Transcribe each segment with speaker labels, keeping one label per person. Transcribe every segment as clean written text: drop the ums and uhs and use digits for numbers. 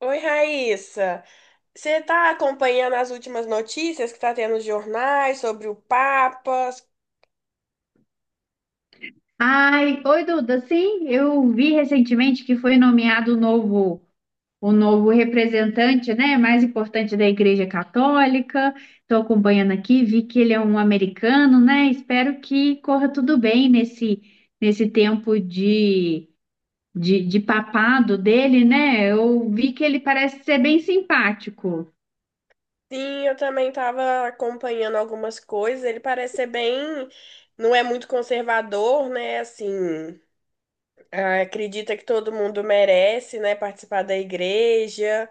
Speaker 1: Oi, Raíssa. Você está acompanhando as últimas notícias que está tendo nos jornais sobre o Papa?
Speaker 2: Ai, oi Duda, sim, eu vi recentemente que foi nomeado o novo representante, né, mais importante da Igreja Católica. Estou acompanhando aqui, vi que ele é um americano, né? Espero que corra tudo bem nesse, nesse tempo de papado dele, né? Eu vi que ele parece ser bem simpático.
Speaker 1: Sim, eu também estava acompanhando algumas coisas. Ele parece ser bem, não é muito conservador, né? Assim, ah, acredita que todo mundo merece, né, participar da igreja.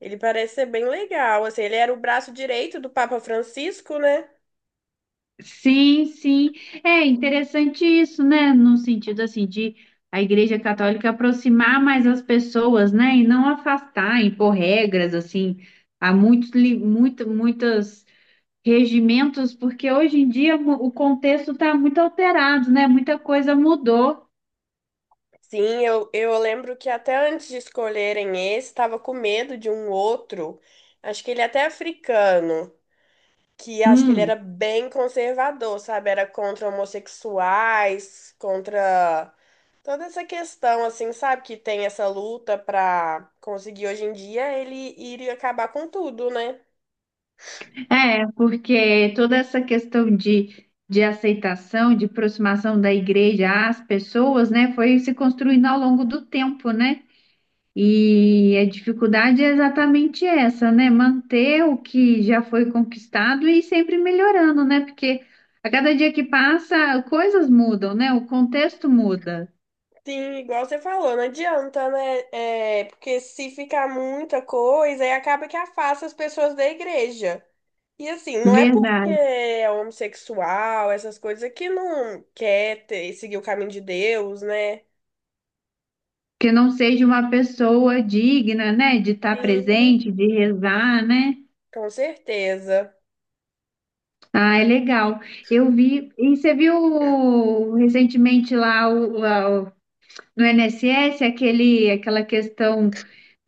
Speaker 1: Ele parece ser bem legal. Assim, ele era o braço direito do Papa Francisco, né?
Speaker 2: Sim, sim. É interessante isso, né? No sentido assim de a Igreja Católica aproximar mais as pessoas, né? E não afastar, impor regras assim. Há muitos, muito, muitos regimentos, porque hoje em dia o contexto está muito alterado, né? Muita coisa mudou.
Speaker 1: Sim, eu lembro que até antes de escolherem esse, estava com medo de um outro, acho que ele é até africano, que acho que ele
Speaker 2: Hum,
Speaker 1: era bem conservador, sabe? Era contra homossexuais, contra toda essa questão, assim, sabe? Que tem essa luta pra conseguir hoje em dia, ele iria acabar com tudo, né?
Speaker 2: é, porque toda essa questão de aceitação, de aproximação da igreja às pessoas, né, foi se construindo ao longo do tempo, né? E a dificuldade é exatamente essa, né? Manter o que já foi conquistado e ir sempre melhorando, né? Porque a cada dia que passa, coisas mudam, né? O contexto muda.
Speaker 1: Sim, igual você falou, não adianta, né? É, porque se ficar muita coisa, aí acaba que afasta as pessoas da igreja. E assim, não é porque
Speaker 2: Verdade.
Speaker 1: é homossexual, essas coisas, é que não quer seguir o caminho de Deus, né?
Speaker 2: Que não seja uma pessoa digna, né? De estar
Speaker 1: Sim,
Speaker 2: presente, de rezar, né?
Speaker 1: com certeza.
Speaker 2: Ah, é legal. Eu vi. E você viu recentemente lá no INSS aquele, aquela questão,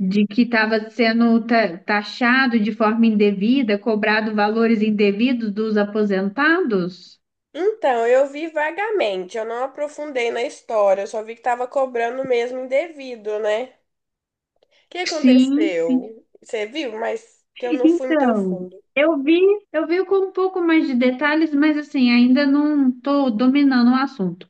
Speaker 2: de que estava sendo taxado de forma indevida, cobrado valores indevidos dos aposentados?
Speaker 1: Então, eu vi vagamente, eu não aprofundei na história, eu só vi que tava cobrando mesmo indevido, né? O que
Speaker 2: Sim,
Speaker 1: aconteceu? Você viu? Mas que eu não fui muito a
Speaker 2: então,
Speaker 1: fundo.
Speaker 2: eu vi, eu vi com um pouco mais de detalhes, mas assim, ainda não estou dominando o assunto.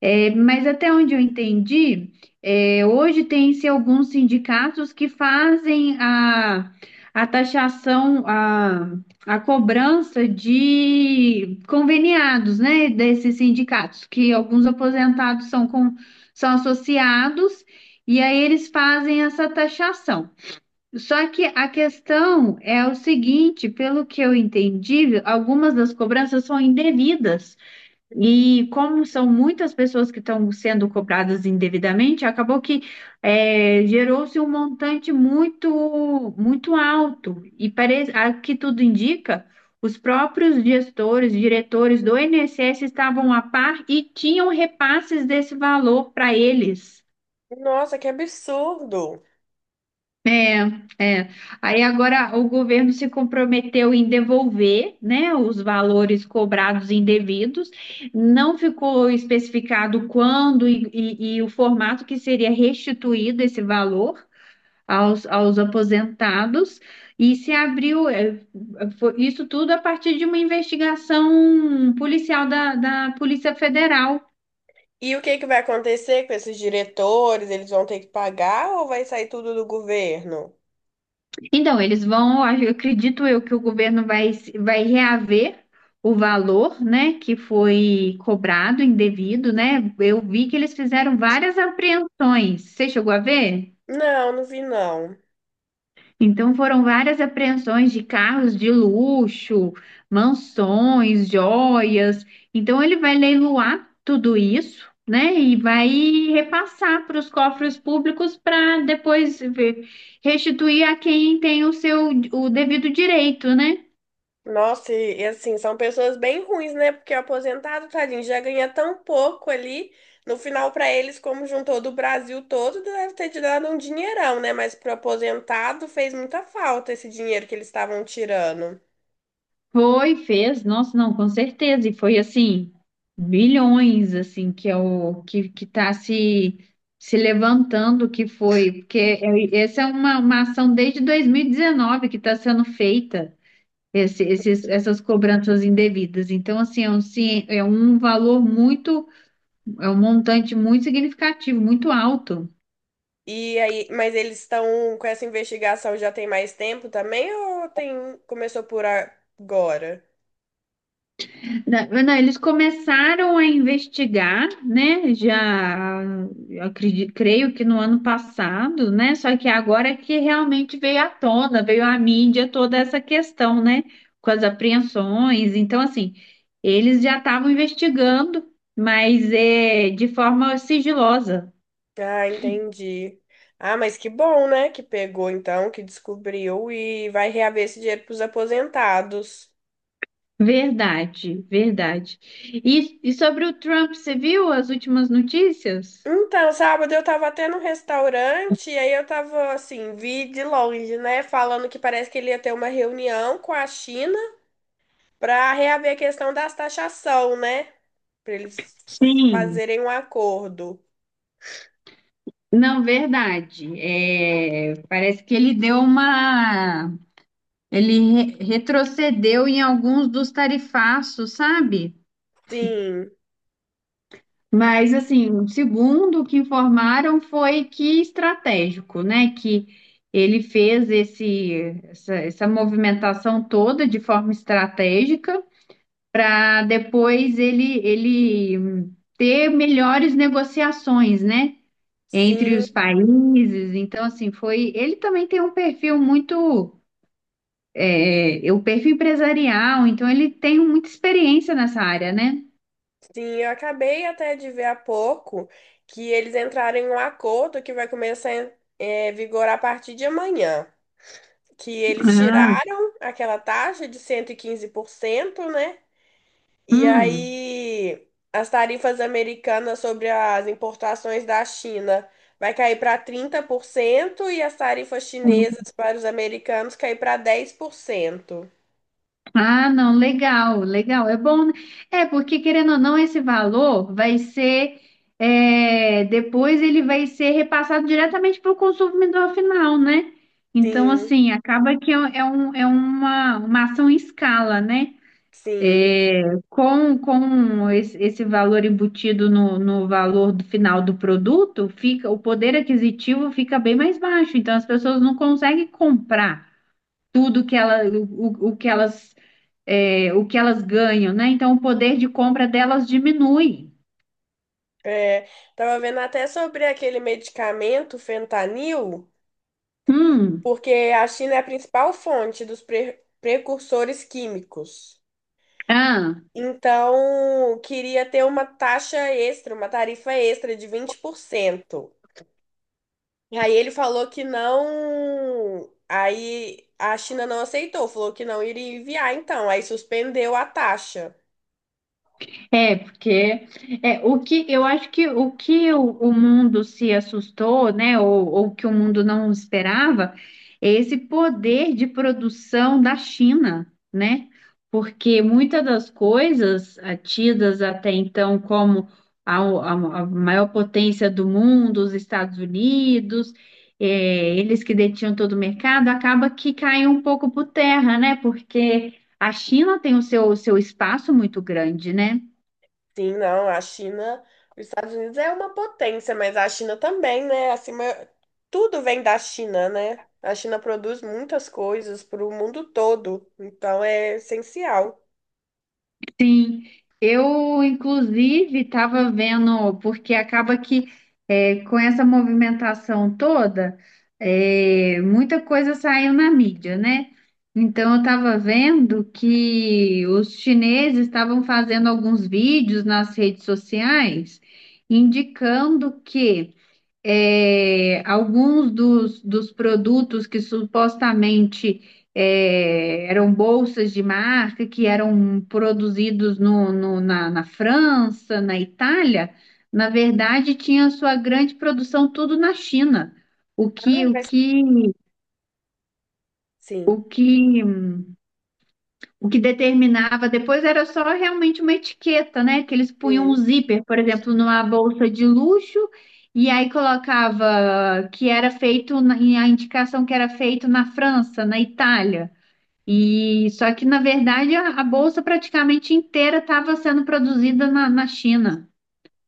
Speaker 2: É, mas até onde eu entendi, é, hoje tem-se alguns sindicatos que fazem a taxação, a cobrança de conveniados, né, desses sindicatos, que alguns aposentados são, com, são associados, e aí eles fazem essa taxação. Só que a questão é o seguinte, pelo que eu entendi, algumas das cobranças são indevidas. E como são muitas pessoas que estão sendo cobradas indevidamente, acabou que é, gerou-se um montante muito muito alto. E parece, a que tudo indica, os próprios gestores, diretores do INSS estavam a par e tinham repasses desse valor para eles.
Speaker 1: Nossa, que absurdo!
Speaker 2: É. Aí agora o governo se comprometeu em devolver, né, os valores cobrados indevidos. Não ficou especificado quando e o formato que seria restituído esse valor aos, aos aposentados. E se abriu, é, isso tudo a partir de uma investigação policial da Polícia Federal.
Speaker 1: E o que que vai acontecer com esses diretores? Eles vão ter que pagar ou vai sair tudo do governo?
Speaker 2: Então, eles vão, eu acredito eu que o governo vai reaver o valor, né, que foi cobrado indevido, né? Eu vi que eles fizeram várias apreensões. Você chegou a ver?
Speaker 1: Não, não vi não.
Speaker 2: Então foram várias apreensões de carros de luxo, mansões, joias. Então ele vai leiloar tudo isso, né? E vai repassar para os cofres públicos para depois restituir a quem tem o seu o devido direito, né?
Speaker 1: Nossa, e assim, são pessoas bem ruins, né? Porque o aposentado, tadinho, já ganha tão pouco ali. No final, pra eles, como juntou do Brasil todo, deve ter te dado um dinheirão, né? Mas pro aposentado fez muita falta esse dinheiro que eles estavam tirando.
Speaker 2: Foi, fez, nossa, não, com certeza. E foi assim, bilhões assim que é o que está se levantando que foi, porque essa é uma ação desde 2019 que está sendo feita essas cobranças indevidas. Então, assim, é um, é um valor muito, é um montante muito significativo, muito alto.
Speaker 1: E aí, mas eles estão com essa investigação já tem mais tempo também ou tem começou por agora?
Speaker 2: Não, eles começaram a investigar, né? Já eu acredito, creio que no ano passado, né? Só que agora é que realmente veio à tona, veio à mídia toda essa questão, né? Com as apreensões. Então, assim, eles já estavam investigando, mas é de forma sigilosa.
Speaker 1: Ah, entendi. Ah, mas que bom, né? Que pegou então, que descobriu e vai reaver esse dinheiro pros aposentados.
Speaker 2: Verdade, verdade. E sobre o Trump, você viu as últimas notícias?
Speaker 1: Então, sábado eu tava até num restaurante e aí eu tava assim, vi de longe, né? Falando que parece que ele ia ter uma reunião com a China pra reaver a questão das taxação, né? Pra eles
Speaker 2: Sim,
Speaker 1: fazerem um acordo.
Speaker 2: não, verdade. É, parece que ele deu uma. Ele retrocedeu em alguns dos tarifaços, sabe?
Speaker 1: Sim,
Speaker 2: Mas, assim, segundo o que informaram, foi que estratégico, né? Que ele fez esse, essa movimentação toda de forma estratégica para depois ele, ele ter melhores negociações, né? Entre
Speaker 1: sim,
Speaker 2: os países. Então, assim, foi. Ele também tem um perfil muito. É, é, o perfil empresarial, então ele tem muita experiência nessa área, né?
Speaker 1: sim. Eu acabei até de ver há pouco que eles entraram em um acordo que vai começar a vigorar a partir de amanhã. Que eles
Speaker 2: Ah,
Speaker 1: tiraram aquela taxa de 115%, né? E
Speaker 2: hum.
Speaker 1: aí, as tarifas americanas sobre as importações da China vai cair para 30% e as tarifas chinesas para os americanos cair para 10%.
Speaker 2: Ah, não, legal, legal. É bom, né? É, porque querendo ou não, esse valor vai ser. É, depois ele vai ser repassado diretamente para o consumidor final, né? Então,
Speaker 1: Sim,
Speaker 2: assim, acaba que é um, é uma ação em escala, né?
Speaker 1: sim.
Speaker 2: Com esse, esse valor embutido no, no valor do final do produto, fica o poder aquisitivo fica bem mais baixo. Então, as pessoas não conseguem comprar tudo que ela, o que elas, é, o que elas ganham, né? Então, o poder de compra delas diminui.
Speaker 1: É, tava vendo até sobre aquele medicamento, fentanil,
Speaker 2: Hum,
Speaker 1: porque a China é a principal fonte dos precursores químicos.
Speaker 2: ah.
Speaker 1: Então, queria ter uma taxa extra, uma tarifa extra de 20%. E aí ele falou que não. Aí a China não aceitou, falou que não iria enviar, então. Aí suspendeu a taxa.
Speaker 2: É, porque é, o que eu acho que o que o mundo se assustou, né, ou que o mundo não esperava, é esse poder de produção da China, né? Porque muitas das coisas ah, tidas até então como a, a- a maior potência do mundo, os Estados Unidos, é, eles que detinham todo o mercado, acaba que cai um pouco por terra, né? Porque a China tem o seu espaço muito grande, né?
Speaker 1: Sim, não, a China. Os Estados Unidos é uma potência, mas a China também, né? Acima, tudo vem da China, né? A China produz muitas coisas para o mundo todo, então é essencial.
Speaker 2: Sim, eu inclusive estava vendo, porque acaba que é, com essa movimentação toda, é, muita coisa saiu na mídia, né? Então eu estava vendo que os chineses estavam fazendo alguns vídeos nas redes sociais indicando que é, alguns dos produtos que supostamente é, eram bolsas de marca, que eram produzidos na França, na Itália, na verdade tinha sua grande produção tudo na China. O
Speaker 1: Ah,
Speaker 2: que, o
Speaker 1: mas...
Speaker 2: que, o
Speaker 1: Sim,
Speaker 2: que O que determinava depois era só realmente uma etiqueta, né? Que eles punham um
Speaker 1: sim.
Speaker 2: zíper, por exemplo, numa bolsa de luxo, e aí colocava que era feito, e a indicação que era feito na França, na Itália. E só que, na verdade, a bolsa praticamente inteira estava sendo produzida na China.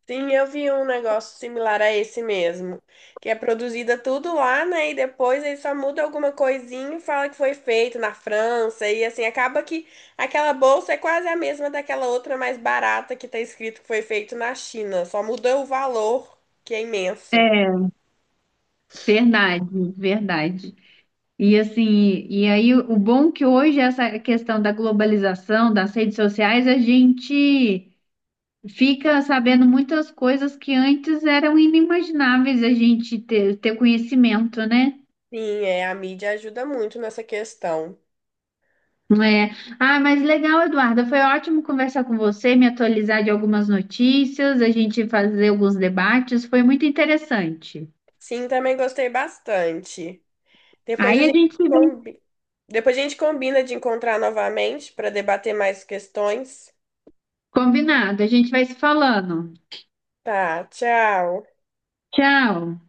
Speaker 1: Sim, eu vi um negócio similar a esse mesmo, que é produzida tudo lá, né? E depois aí só muda alguma coisinha e fala que foi feito na França. E assim, acaba que aquela bolsa é quase a mesma daquela outra mais barata que tá escrito que foi feito na China. Só muda o valor, que é imenso.
Speaker 2: É, verdade, verdade. E assim, e aí o bom que hoje essa questão da globalização, das redes sociais, a gente fica sabendo muitas coisas que antes eram inimagináveis a gente ter, ter conhecimento, né?
Speaker 1: Sim, é, a mídia ajuda muito nessa questão.
Speaker 2: É. Ah, mas legal, Eduarda. Foi ótimo conversar com você, me atualizar de algumas notícias, a gente fazer alguns debates. Foi muito interessante.
Speaker 1: Sim, também gostei bastante. Depois
Speaker 2: Aí
Speaker 1: a
Speaker 2: a
Speaker 1: gente
Speaker 2: gente se vê
Speaker 1: combi... Depois a gente combina de encontrar novamente para debater mais questões.
Speaker 2: combinado, a gente vai se falando.
Speaker 1: Tá, tchau.
Speaker 2: Tchau.